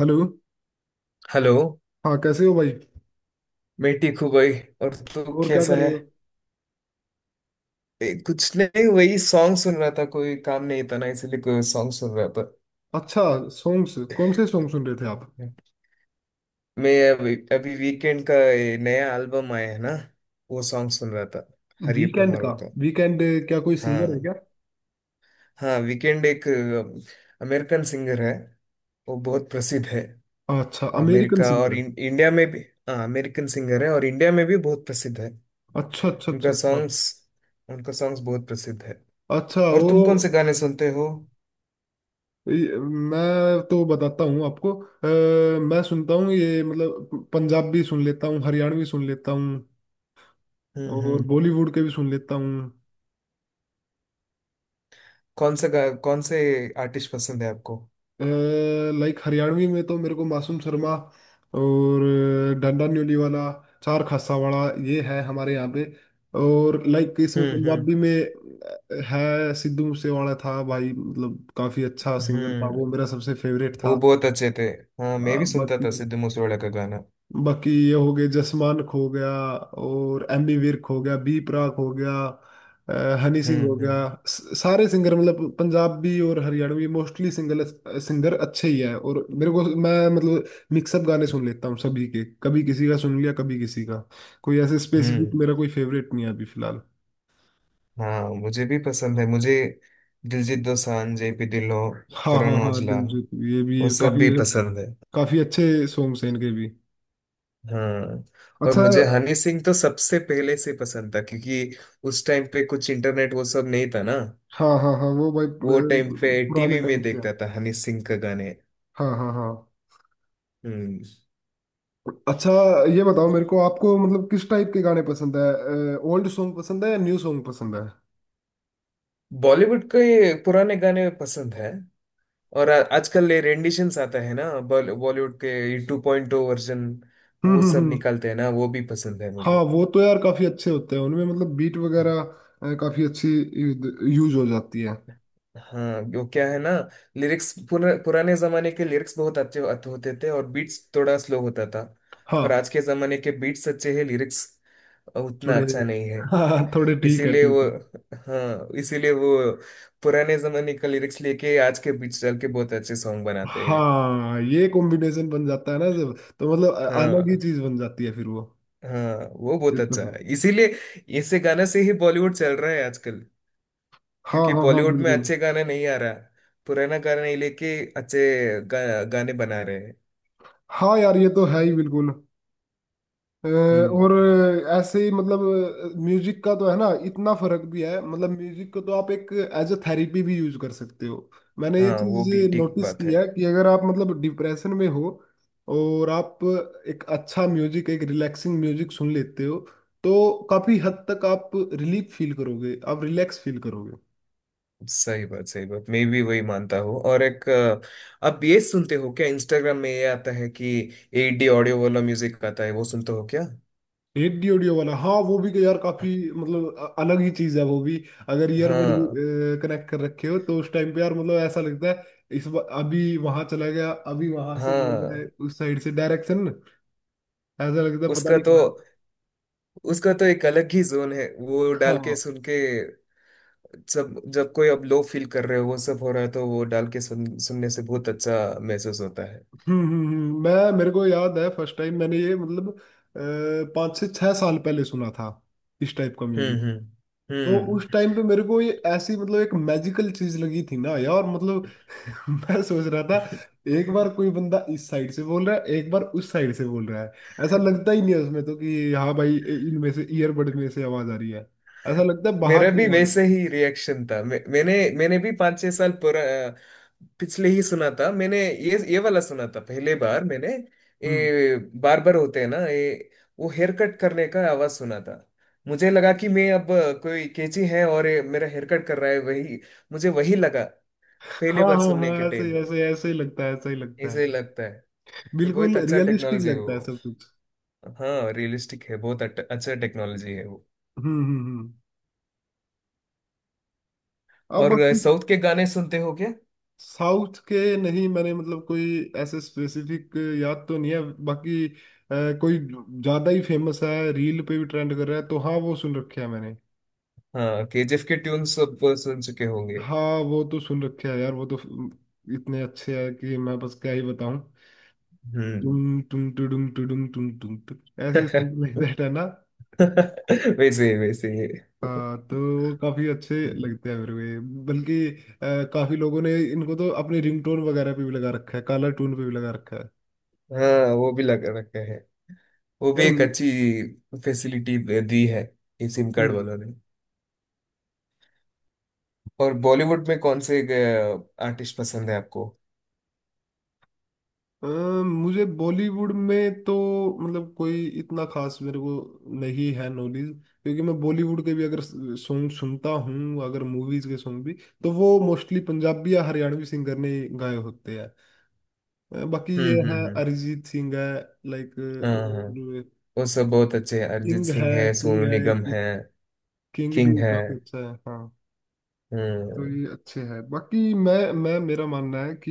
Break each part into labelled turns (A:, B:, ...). A: Hello.
B: Hello.
A: हाँ कैसे हो भाई?
B: मैं ठीक हूँ भाई। और तू
A: और क्या
B: कैसा
A: कर
B: है?
A: रहे हो?
B: कुछ नहीं वही सॉन्ग सुन रहा था। कोई काम नहीं था ना इसलिए कोई सॉन्ग सुन रहा था।
A: अच्छा। सॉन्ग्स। कौन से सॉन्ग सुन रहे थे आप?
B: मैं अभी अभी वीकेंड का ये नया एल्बम आया है ना, वो सॉन्ग सुन रहा था। हरी अप
A: वीकेंड
B: टुमारो
A: का।
B: का।
A: वीकेंड। क्या कोई सिंगर है
B: हाँ,
A: क्या?
B: हाँ, वीकेंड एक अमेरिकन सिंगर है। वो बहुत प्रसिद्ध है।
A: अच्छा अमेरिकन
B: अमेरिका और
A: सिंगर है।
B: इंडिया में भी। हाँ अमेरिकन सिंगर है और इंडिया में भी बहुत प्रसिद्ध है।
A: अच्छा अच्छा अच्छा
B: उनका
A: अच्छा।
B: सॉन्ग्स उनका सॉन्ग्स बहुत प्रसिद्ध है।
A: अच्छा
B: और
A: वो
B: तुम कौन से गाने सुनते हो?
A: ये- मैं तो बताता हूँ आपको। मैं सुनता हूँ ये मतलब पंजाबी सुन लेता हूँ, हरियाणवी सुन लेता हूँ, और
B: हम्म।
A: बॉलीवुड के भी सुन लेता हूँ।
B: कौन से आर्टिस्ट पसंद है आपको?
A: लाइक हरियाणवी में तो मेरे को मासूम शर्मा, और डंडा न्यूली वाला, चार खासा वाला, ये है हमारे यहाँ पे। और लाइक इसमें
B: हम्म हम्म
A: पंजाबी में है सिद्धू मूसेवाला था भाई, मतलब काफी अच्छा सिंगर था, वो
B: हम्म।
A: मेरा सबसे फेवरेट
B: वो
A: था।
B: बहुत अच्छे थे। हाँ मैं भी सुनता
A: बाकी
B: था सिद्धू मूसेवाला का गाना।
A: बाकी ये हो गए जसमान खो गया, और एमी विर्क हो गया, बी प्राक हो गया, हनी सिंह हो
B: हम्म
A: गया।
B: हम्म
A: सारे सिंगर मतलब पंजाबी और हरियाणवी मोस्टली सिंगर सिंगर अच्छे ही है। और मेरे को मैं मतलब मिक्सअप गाने सुन लेता हूँ सभी के, कभी किसी का सुन लिया कभी किसी का। कोई ऐसे स्पेसिफिक
B: हम्म।
A: मेरा कोई फेवरेट नहीं है अभी फिलहाल।
B: हाँ मुझे भी पसंद है। मुझे दिलजीत दोसांझ, जेपी ढिल्लों,
A: हाँ हाँ
B: करण
A: हाँ
B: औजला,
A: दिलजीत, ये भी
B: वो
A: ये
B: सब
A: काफी,
B: भी पसंद है।
A: काफी अच्छे सॉन्ग्स हैं इनके भी।
B: हाँ। और
A: अच्छा।
B: मुझे हनी सिंह तो सबसे पहले से पसंद था क्योंकि उस टाइम पे कुछ इंटरनेट वो सब नहीं था ना।
A: हाँ हाँ हाँ वो भाई
B: वो टाइम पे
A: पुराने
B: टीवी में
A: टाइम से
B: देखता
A: हैं।
B: था हनी सिंह का गाने।
A: हाँ हाँ हाँ।
B: हम्म।
A: अच्छा। ये बताओ मेरे को, आपको मतलब किस टाइप के गाने पसंद है, ओल्ड सॉन्ग पसंद है या न्यू सॉन्ग पसंद है?
B: बॉलीवुड के पुराने गाने पसंद है। और आजकल ये रेंडिशंस आता है ना, बॉलीवुड के टू पॉइंट ओ वर्जन, वो सब
A: हम्म।
B: निकालते हैं ना, वो भी पसंद है मुझे।
A: हाँ वो तो यार काफी अच्छे होते हैं उनमें, मतलब बीट वगैरह काफी अच्छी यूज हो जाती है।
B: हाँ वो क्या है ना, पुराने जमाने के लिरिक्स बहुत अच्छे अच्छे होते थे और बीट्स थोड़ा स्लो होता था। पर
A: हाँ
B: आज के जमाने के बीट्स अच्छे हैं, लिरिक्स उतना
A: थोड़े।
B: अच्छा नहीं है।
A: हाँ थोड़े ठीक है
B: इसीलिए
A: ठीक
B: वो
A: है।
B: हाँ, इसीलिए वो पुराने जमाने का लिरिक्स लेके आज के बीट्स डाल के बहुत अच्छे सॉन्ग बनाते हैं।
A: हाँ ये कॉम्बिनेशन बन जाता है ना जब, तो मतलब अलग ही
B: हाँ,
A: चीज बन जाती है फिर वो।
B: हाँ वो
A: ये
B: बहुत
A: तो
B: अच्छा
A: है।
B: है, इसीलिए ऐसे गाना से ही बॉलीवुड चल रहा है आजकल।
A: हाँ
B: क्योंकि
A: हाँ हाँ
B: बॉलीवुड में
A: बिल्कुल।
B: अच्छे गाने नहीं आ रहा, पुराना गाना ही लेके गाने बना रहे हैं।
A: हाँ यार ये तो है ही बिल्कुल। और
B: हम्म।
A: ऐसे ही मतलब म्यूजिक का तो है ना इतना फर्क भी है, मतलब म्यूजिक को तो आप एक एज अ थेरेपी भी यूज कर सकते हो। मैंने ये
B: हाँ वो
A: चीज
B: भी ठीक
A: नोटिस
B: बात
A: की
B: है।
A: है कि अगर आप मतलब डिप्रेशन में हो और आप एक अच्छा म्यूजिक, एक रिलैक्सिंग म्यूजिक सुन लेते हो, तो काफी हद तक आप रिलीफ फील करोगे, आप रिलैक्स फील करोगे।
B: सही बात, सही बात, मैं भी वही मानता हूँ। और अब ये सुनते हो क्या, इंस्टाग्राम में ये आता है कि एट डी ऑडियो वाला म्यूजिक आता है, वो सुनते हो क्या?
A: एडी ऑडियो वाला, हाँ वो भी यार काफी मतलब अलग ही चीज है वो भी। अगर ईयरबड
B: हाँ,
A: कनेक्ट कर रखे हो तो उस टाइम पे यार मतलब ऐसा लगता है, अभी वहां चला गया, अभी वहां से बोल रहा
B: हाँ।
A: है, उस साइड से डायरेक्शन। ऐसा लगता है पता
B: उसका
A: नहीं
B: तो
A: कहाँ।
B: उसका तो एक अलग ही जोन है। वो डाल के
A: हाँ।
B: सुन के, सब जब कोई अब लो फील कर रहे हो, वो सब हो रहा है, तो वो डाल के सुनने से बहुत अच्छा महसूस होता है।
A: मैं मेरे को याद है फर्स्ट टाइम मैंने ये मतलब पाँच से छह साल पहले सुना था इस टाइप का म्यूजिक। तो उस
B: हम्म।
A: टाइम पे मेरे को ये ऐसी मतलब एक मैजिकल चीज लगी थी ना यार, मतलब मैं सोच रहा था एक बार कोई बंदा इस साइड से बोल रहा है, एक बार उस साइड से बोल रहा है। ऐसा लगता ही नहीं है उसमें तो कि हाँ भाई इनमें से, ईयरबड में से आवाज आ रही है। ऐसा लगता है बाहर
B: मेरा
A: से
B: भी
A: आवाज आ रही
B: वैसे
A: है।
B: ही रिएक्शन था। मैंने भी पाँच छह साल पुरा पिछले ही सुना था। मैंने ये वाला सुना था पहले बार मैंने।
A: हम्म।
B: ये बार बार होते हैं ना ये। वो हेयर कट करने का आवाज सुना था। मुझे लगा कि मैं अब, कोई कैची है और ये मेरा हेयर कट कर रहा है। वही मुझे वही लगा। पहले
A: हाँ
B: बार
A: हाँ
B: सुनने
A: हाँ
B: के टाइम में
A: ऐसे ऐसे ही लगता है, ऐसा ही लगता है।
B: ऐसे ही लगता है। ये बहुत
A: बिल्कुल
B: अच्छा
A: रियलिस्टिक
B: टेक्नोलॉजी है
A: लगता
B: वो।
A: है सब कुछ।
B: हाँ रियलिस्टिक है, बहुत अच्छा टेक्नोलॉजी है वो।
A: हम्म। अब
B: और
A: बाकी
B: साउथ के गाने सुनते हो क्या?
A: साउथ के नहीं, मैंने मतलब कोई ऐसे स्पेसिफिक याद तो नहीं है। बाकी कोई ज्यादा ही फेमस है, रील पे भी ट्रेंड कर रहा है, तो हाँ वो सुन रखे है मैंने।
B: हाँ केजीएफ के ट्यून सब सुन चुके होंगे।
A: हाँ वो तो सुन रखे है यार, वो तो इतने अच्छे हैं कि मैं बस क्या ही बताऊं।
B: हम्म।
A: तुम टुडुम टुडुम तुम, ऐसे सिंपल दैट है ना।
B: वैसे ही, वैसे ही।
A: हाँ तो वो काफी अच्छे लगते हैं मेरे को ये। बल्कि काफी लोगों ने इनको तो अपने रिंगटोन वगैरह पे भी लगा रखा है, कालर टून पे भी लगा रखा है।
B: हाँ वो भी लग रखा है। वो भी
A: यार।
B: एक
A: हम्म।
B: अच्छी फैसिलिटी दी है ये सिम कार्ड वालों ने। और बॉलीवुड में कौन से आर्टिस्ट पसंद है आपको?
A: अ, मुझे बॉलीवुड में तो मतलब कोई इतना खास मेरे को नहीं है नॉलेज, क्योंकि मैं बॉलीवुड के भी अगर सॉन्ग सुनता हूँ, अगर मूवीज के सॉन्ग भी, तो वो मोस्टली पंजाबी या हरियाणवी सिंगर ने गाए होते हैं। बाकी ये है
B: हम्म।
A: अरिजीत सिंह है, लाइक,
B: हाँ, हाँ,
A: और
B: वो सब बहुत अच्छे हैं। अरिजीत
A: किंग है,
B: सिंह है,
A: किंग
B: सोनू निगम
A: है,
B: है,
A: किंग भी
B: किंग है।
A: काफी अच्छा है हाँ। तो
B: हम्म
A: ये अच्छे हैं। बाकी मैं, मेरा मानना है कि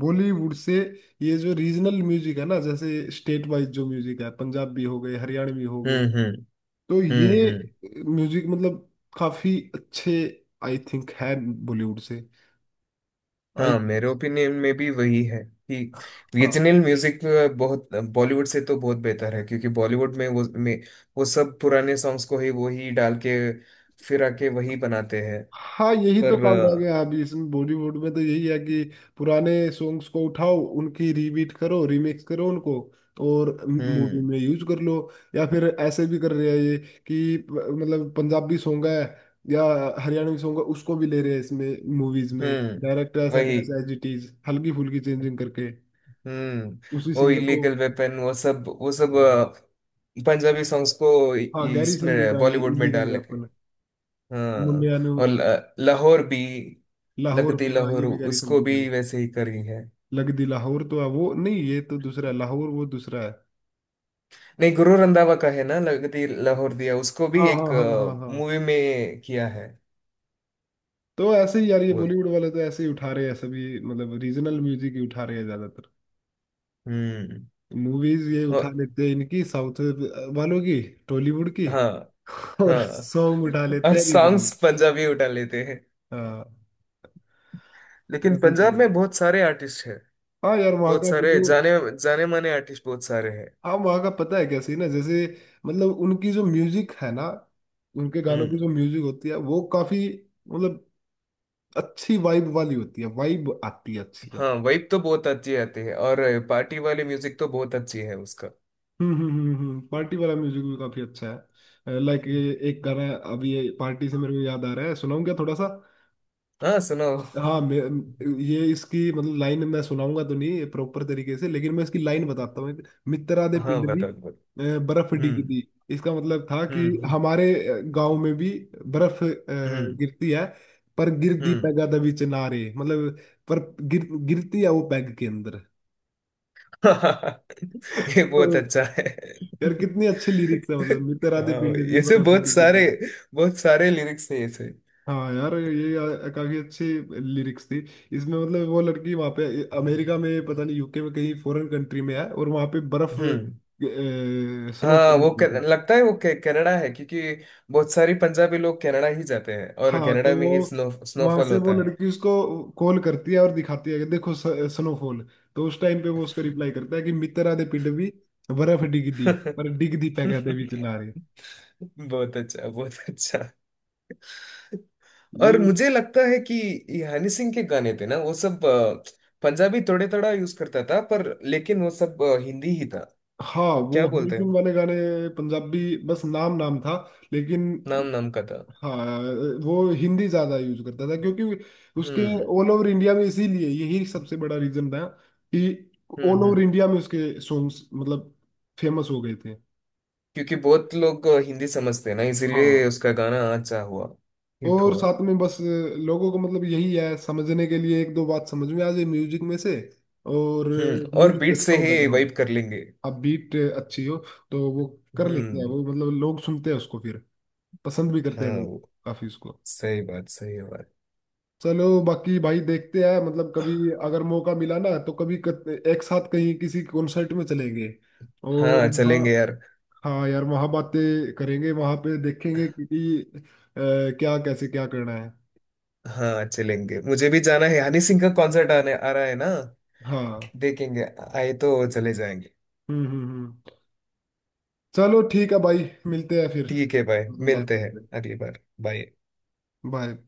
A: बॉलीवुड से ये जो रीजनल म्यूजिक है ना, जैसे स्टेट वाइज जो म्यूजिक है, पंजाबी हो गए हरियाणवी हो गए,
B: हम्म हम्म
A: तो ये
B: हम्म हम्म।
A: म्यूजिक मतलब काफी अच्छे आई थिंक है बॉलीवुड से, आई
B: हाँ
A: थिंक।
B: मेरे ओपिनियन में भी वही है कि
A: हाँ।
B: रीजनल म्यूजिक बहुत, बॉलीवुड से तो बहुत बेहतर है क्योंकि बॉलीवुड में वो सब पुराने सॉन्ग्स को ही वो ही डाल के फिर आके वही बनाते हैं।
A: हाँ यही तो
B: पर
A: काम रह
B: अ,
A: गया है अभी इसमें, बॉलीवुड में तो यही है कि पुराने सॉन्ग्स को उठाओ, उनकी रीबीट करो, रीमिक्स करो उनको, और मूवी
B: हम्म
A: में यूज कर लो। या फिर ऐसे भी कर रहे हैं ये कि मतलब पंजाबी सॉन्ग है या हरियाणवी सॉन्ग है, उसको भी ले रहे हैं इसमें मूवीज में
B: हम्म
A: डायरेक्ट, ऐसा
B: वही
A: कैसा एज इट इज हल्की फुल्की चेंजिंग करके
B: हम्म।
A: उसी
B: वो
A: सिंगर को।
B: इलीगल वेपन, वो सब, पंजाबी सॉन्ग्स को इ-
A: हाँ गैरी संधू का
B: इसमें
A: है ये
B: बॉलीवुड में
A: इलीगल
B: डाल के।
A: वेपन,
B: हाँ
A: मुंडिया,
B: और लाहौर भी।
A: लाहौर
B: लगदी
A: भी। हाँ
B: लाहौर
A: ये भी गैरी
B: उसको
A: संधू का है।
B: भी वैसे ही करी है।
A: लगदी लाहौर तो है वो नहीं, ये तो दूसरा है, लाहौर वो दूसरा है।
B: नहीं, गुरु रंधावा का है ना लगदी लाहौर दिया, उसको भी
A: हाँ हाँ
B: एक
A: हाँ हाँ हाँ।
B: मूवी में किया है।
A: तो ऐसे ही यार ये
B: वो
A: बॉलीवुड वाले तो ऐसे ही उठा रहे हैं सभी, मतलब रीजनल म्यूजिक ही उठा रहे हैं ज्यादातर।
B: हम्म।
A: मूवीज ये उठा
B: और
A: लेते हैं इनकी साउथ वालों की, टॉलीवुड की,
B: हाँ,
A: और
B: हाँ,
A: सॉन्ग उठा लेते
B: और
A: हैं रीजनल।
B: सॉन्ग्स पंजाबी उठा लेते हैं,
A: हाँ
B: लेकिन
A: ऐसे ही
B: पंजाब
A: करो।
B: में बहुत सारे आर्टिस्ट हैं।
A: हाँ यार वहाँ
B: बहुत
A: का
B: सारे
A: जो,
B: जाने जाने माने आर्टिस्ट बहुत सारे हैं।
A: हाँ वहाँ का पता है कैसे ना, जैसे मतलब उनकी जो म्यूजिक है ना, उनके गानों की
B: हम्म।
A: जो म्यूजिक होती है वो काफी मतलब अच्छी वाइब वाली होती है, वाइब आती है अच्छी अब।
B: हाँ वाइब तो बहुत अच्छी आती है और पार्टी वाली म्यूजिक तो बहुत अच्छी है उसका।
A: हम्म। पार्टी वाला म्यूजिक भी काफी अच्छा है। लाइक ये एक गाना है, अभी ये पार्टी से मेरे को याद आ रहा है, सुनाऊं क्या थोड़ा सा?
B: हाँ सुनो।
A: हाँ मैं, ये इसकी मतलब लाइन मैं सुनाऊंगा तो नहीं प्रॉपर तरीके से, लेकिन मैं इसकी लाइन बताता हूँ। मित्रा दे
B: हाँ
A: पिंड भी
B: बताओ, बताओ।
A: बर्फ
B: हम्म
A: डिगदी। इसका मतलब था कि
B: हम्म हम्म
A: हमारे गांव में भी बर्फ
B: हम्म
A: गिरती है। पर गिरदी
B: हम्म।
A: पैगा दे विच नारे, मतलब पर गिरती है वो पैग के अंदर।
B: ये बहुत अच्छा है।
A: यार कितनी अच्छे लिरिक्स है,
B: हाँ
A: मतलब मित्र आधे
B: भाई,
A: पीले
B: ऐसे
A: दीवार अब मिली जुली।
B: बहुत सारे लिरिक्स है ऐसे।
A: हाँ यार ये काफी अच्छे लिरिक्स थी। इसमें मतलब वो लड़की वहां पे अमेरिका में, पता नहीं यूके में, कहीं फॉरेन कंट्री में है और वहां पे बर्फ
B: हम्म।
A: स्नो
B: हाँ
A: हुई थी।
B: लगता है कनाडा है क्योंकि बहुत सारी पंजाबी लोग कनाडा ही जाते हैं और
A: हाँ तो
B: कनाडा में
A: वो
B: ही
A: वहां
B: स्नोफॉल
A: से वो
B: होता है।
A: लड़की उसको कॉल करती है और दिखाती है कि देखो स्नोफॉल। तो उस टाइम पे वो उसको रिप्लाई करता है कि मित्र आधे पिंड भी बर्फ डिग दी, पर डिग दी पै कहते बीच नारे।
B: बहुत अच्छा, बहुत अच्छा। और
A: ये,
B: मुझे लगता है कि ये हनी सिंह के गाने थे ना, वो सब पंजाबी थोड़े थोड़ा यूज करता था, पर लेकिन वो सब हिंदी ही था।
A: हाँ वो
B: क्या
A: हनी
B: बोलते
A: सिंह
B: हैं,
A: वाले गाने पंजाबी बस नाम नाम था, लेकिन
B: नाम नाम का था।
A: हाँ वो हिंदी ज्यादा यूज करता था, क्योंकि उसके
B: हम्म
A: ऑल ओवर इंडिया में इसीलिए यही सबसे बड़ा रीजन था कि ऑल ओवर
B: हम्म।
A: इंडिया में उसके सॉन्ग्स मतलब फेमस हो गए थे।
B: क्योंकि बहुत लोग हिंदी समझते हैं ना इसीलिए
A: हाँ
B: उसका गाना अच्छा हुआ, हिट
A: और
B: हुआ।
A: साथ में बस लोगों को मतलब यही है, समझने के लिए एक दो बात समझ में आ जाए म्यूजिक में से, और
B: हम्म। और
A: म्यूजिक
B: बीट
A: अच्छा
B: से
A: हो
B: ही
A: बैकग्राउंड,
B: वाइब कर लेंगे।
A: अब बीट अच्छी हो, तो वो कर लेते हैं
B: हम्म।
A: वो, मतलब लोग सुनते हैं उसको फिर, पसंद भी करते हैं
B: हाँ
A: लोग
B: वो,
A: काफी उसको।
B: सही बात, सही बात।
A: चलो बाकी भाई देखते हैं मतलब, कभी अगर मौका मिला ना तो कभी एक साथ कहीं किसी कॉन्सर्ट में चलेंगे और
B: हाँ
A: वहाँ,
B: चलेंगे यार।
A: हाँ यार वहाँ बातें करेंगे, वहाँ पे देखेंगे कि क्या, कैसे, क्या करना है।
B: हाँ चलेंगे, मुझे भी जाना है, हनी सिंह का कॉन्सर्ट आने आ रहा है ना,
A: हाँ।
B: देखेंगे, आए तो चले जाएंगे।
A: हम्म। चलो ठीक है भाई, मिलते हैं फिर।
B: ठीक है भाई,
A: बात
B: मिलते हैं
A: करते हैं।
B: अगली बार। बाय।
A: बाय।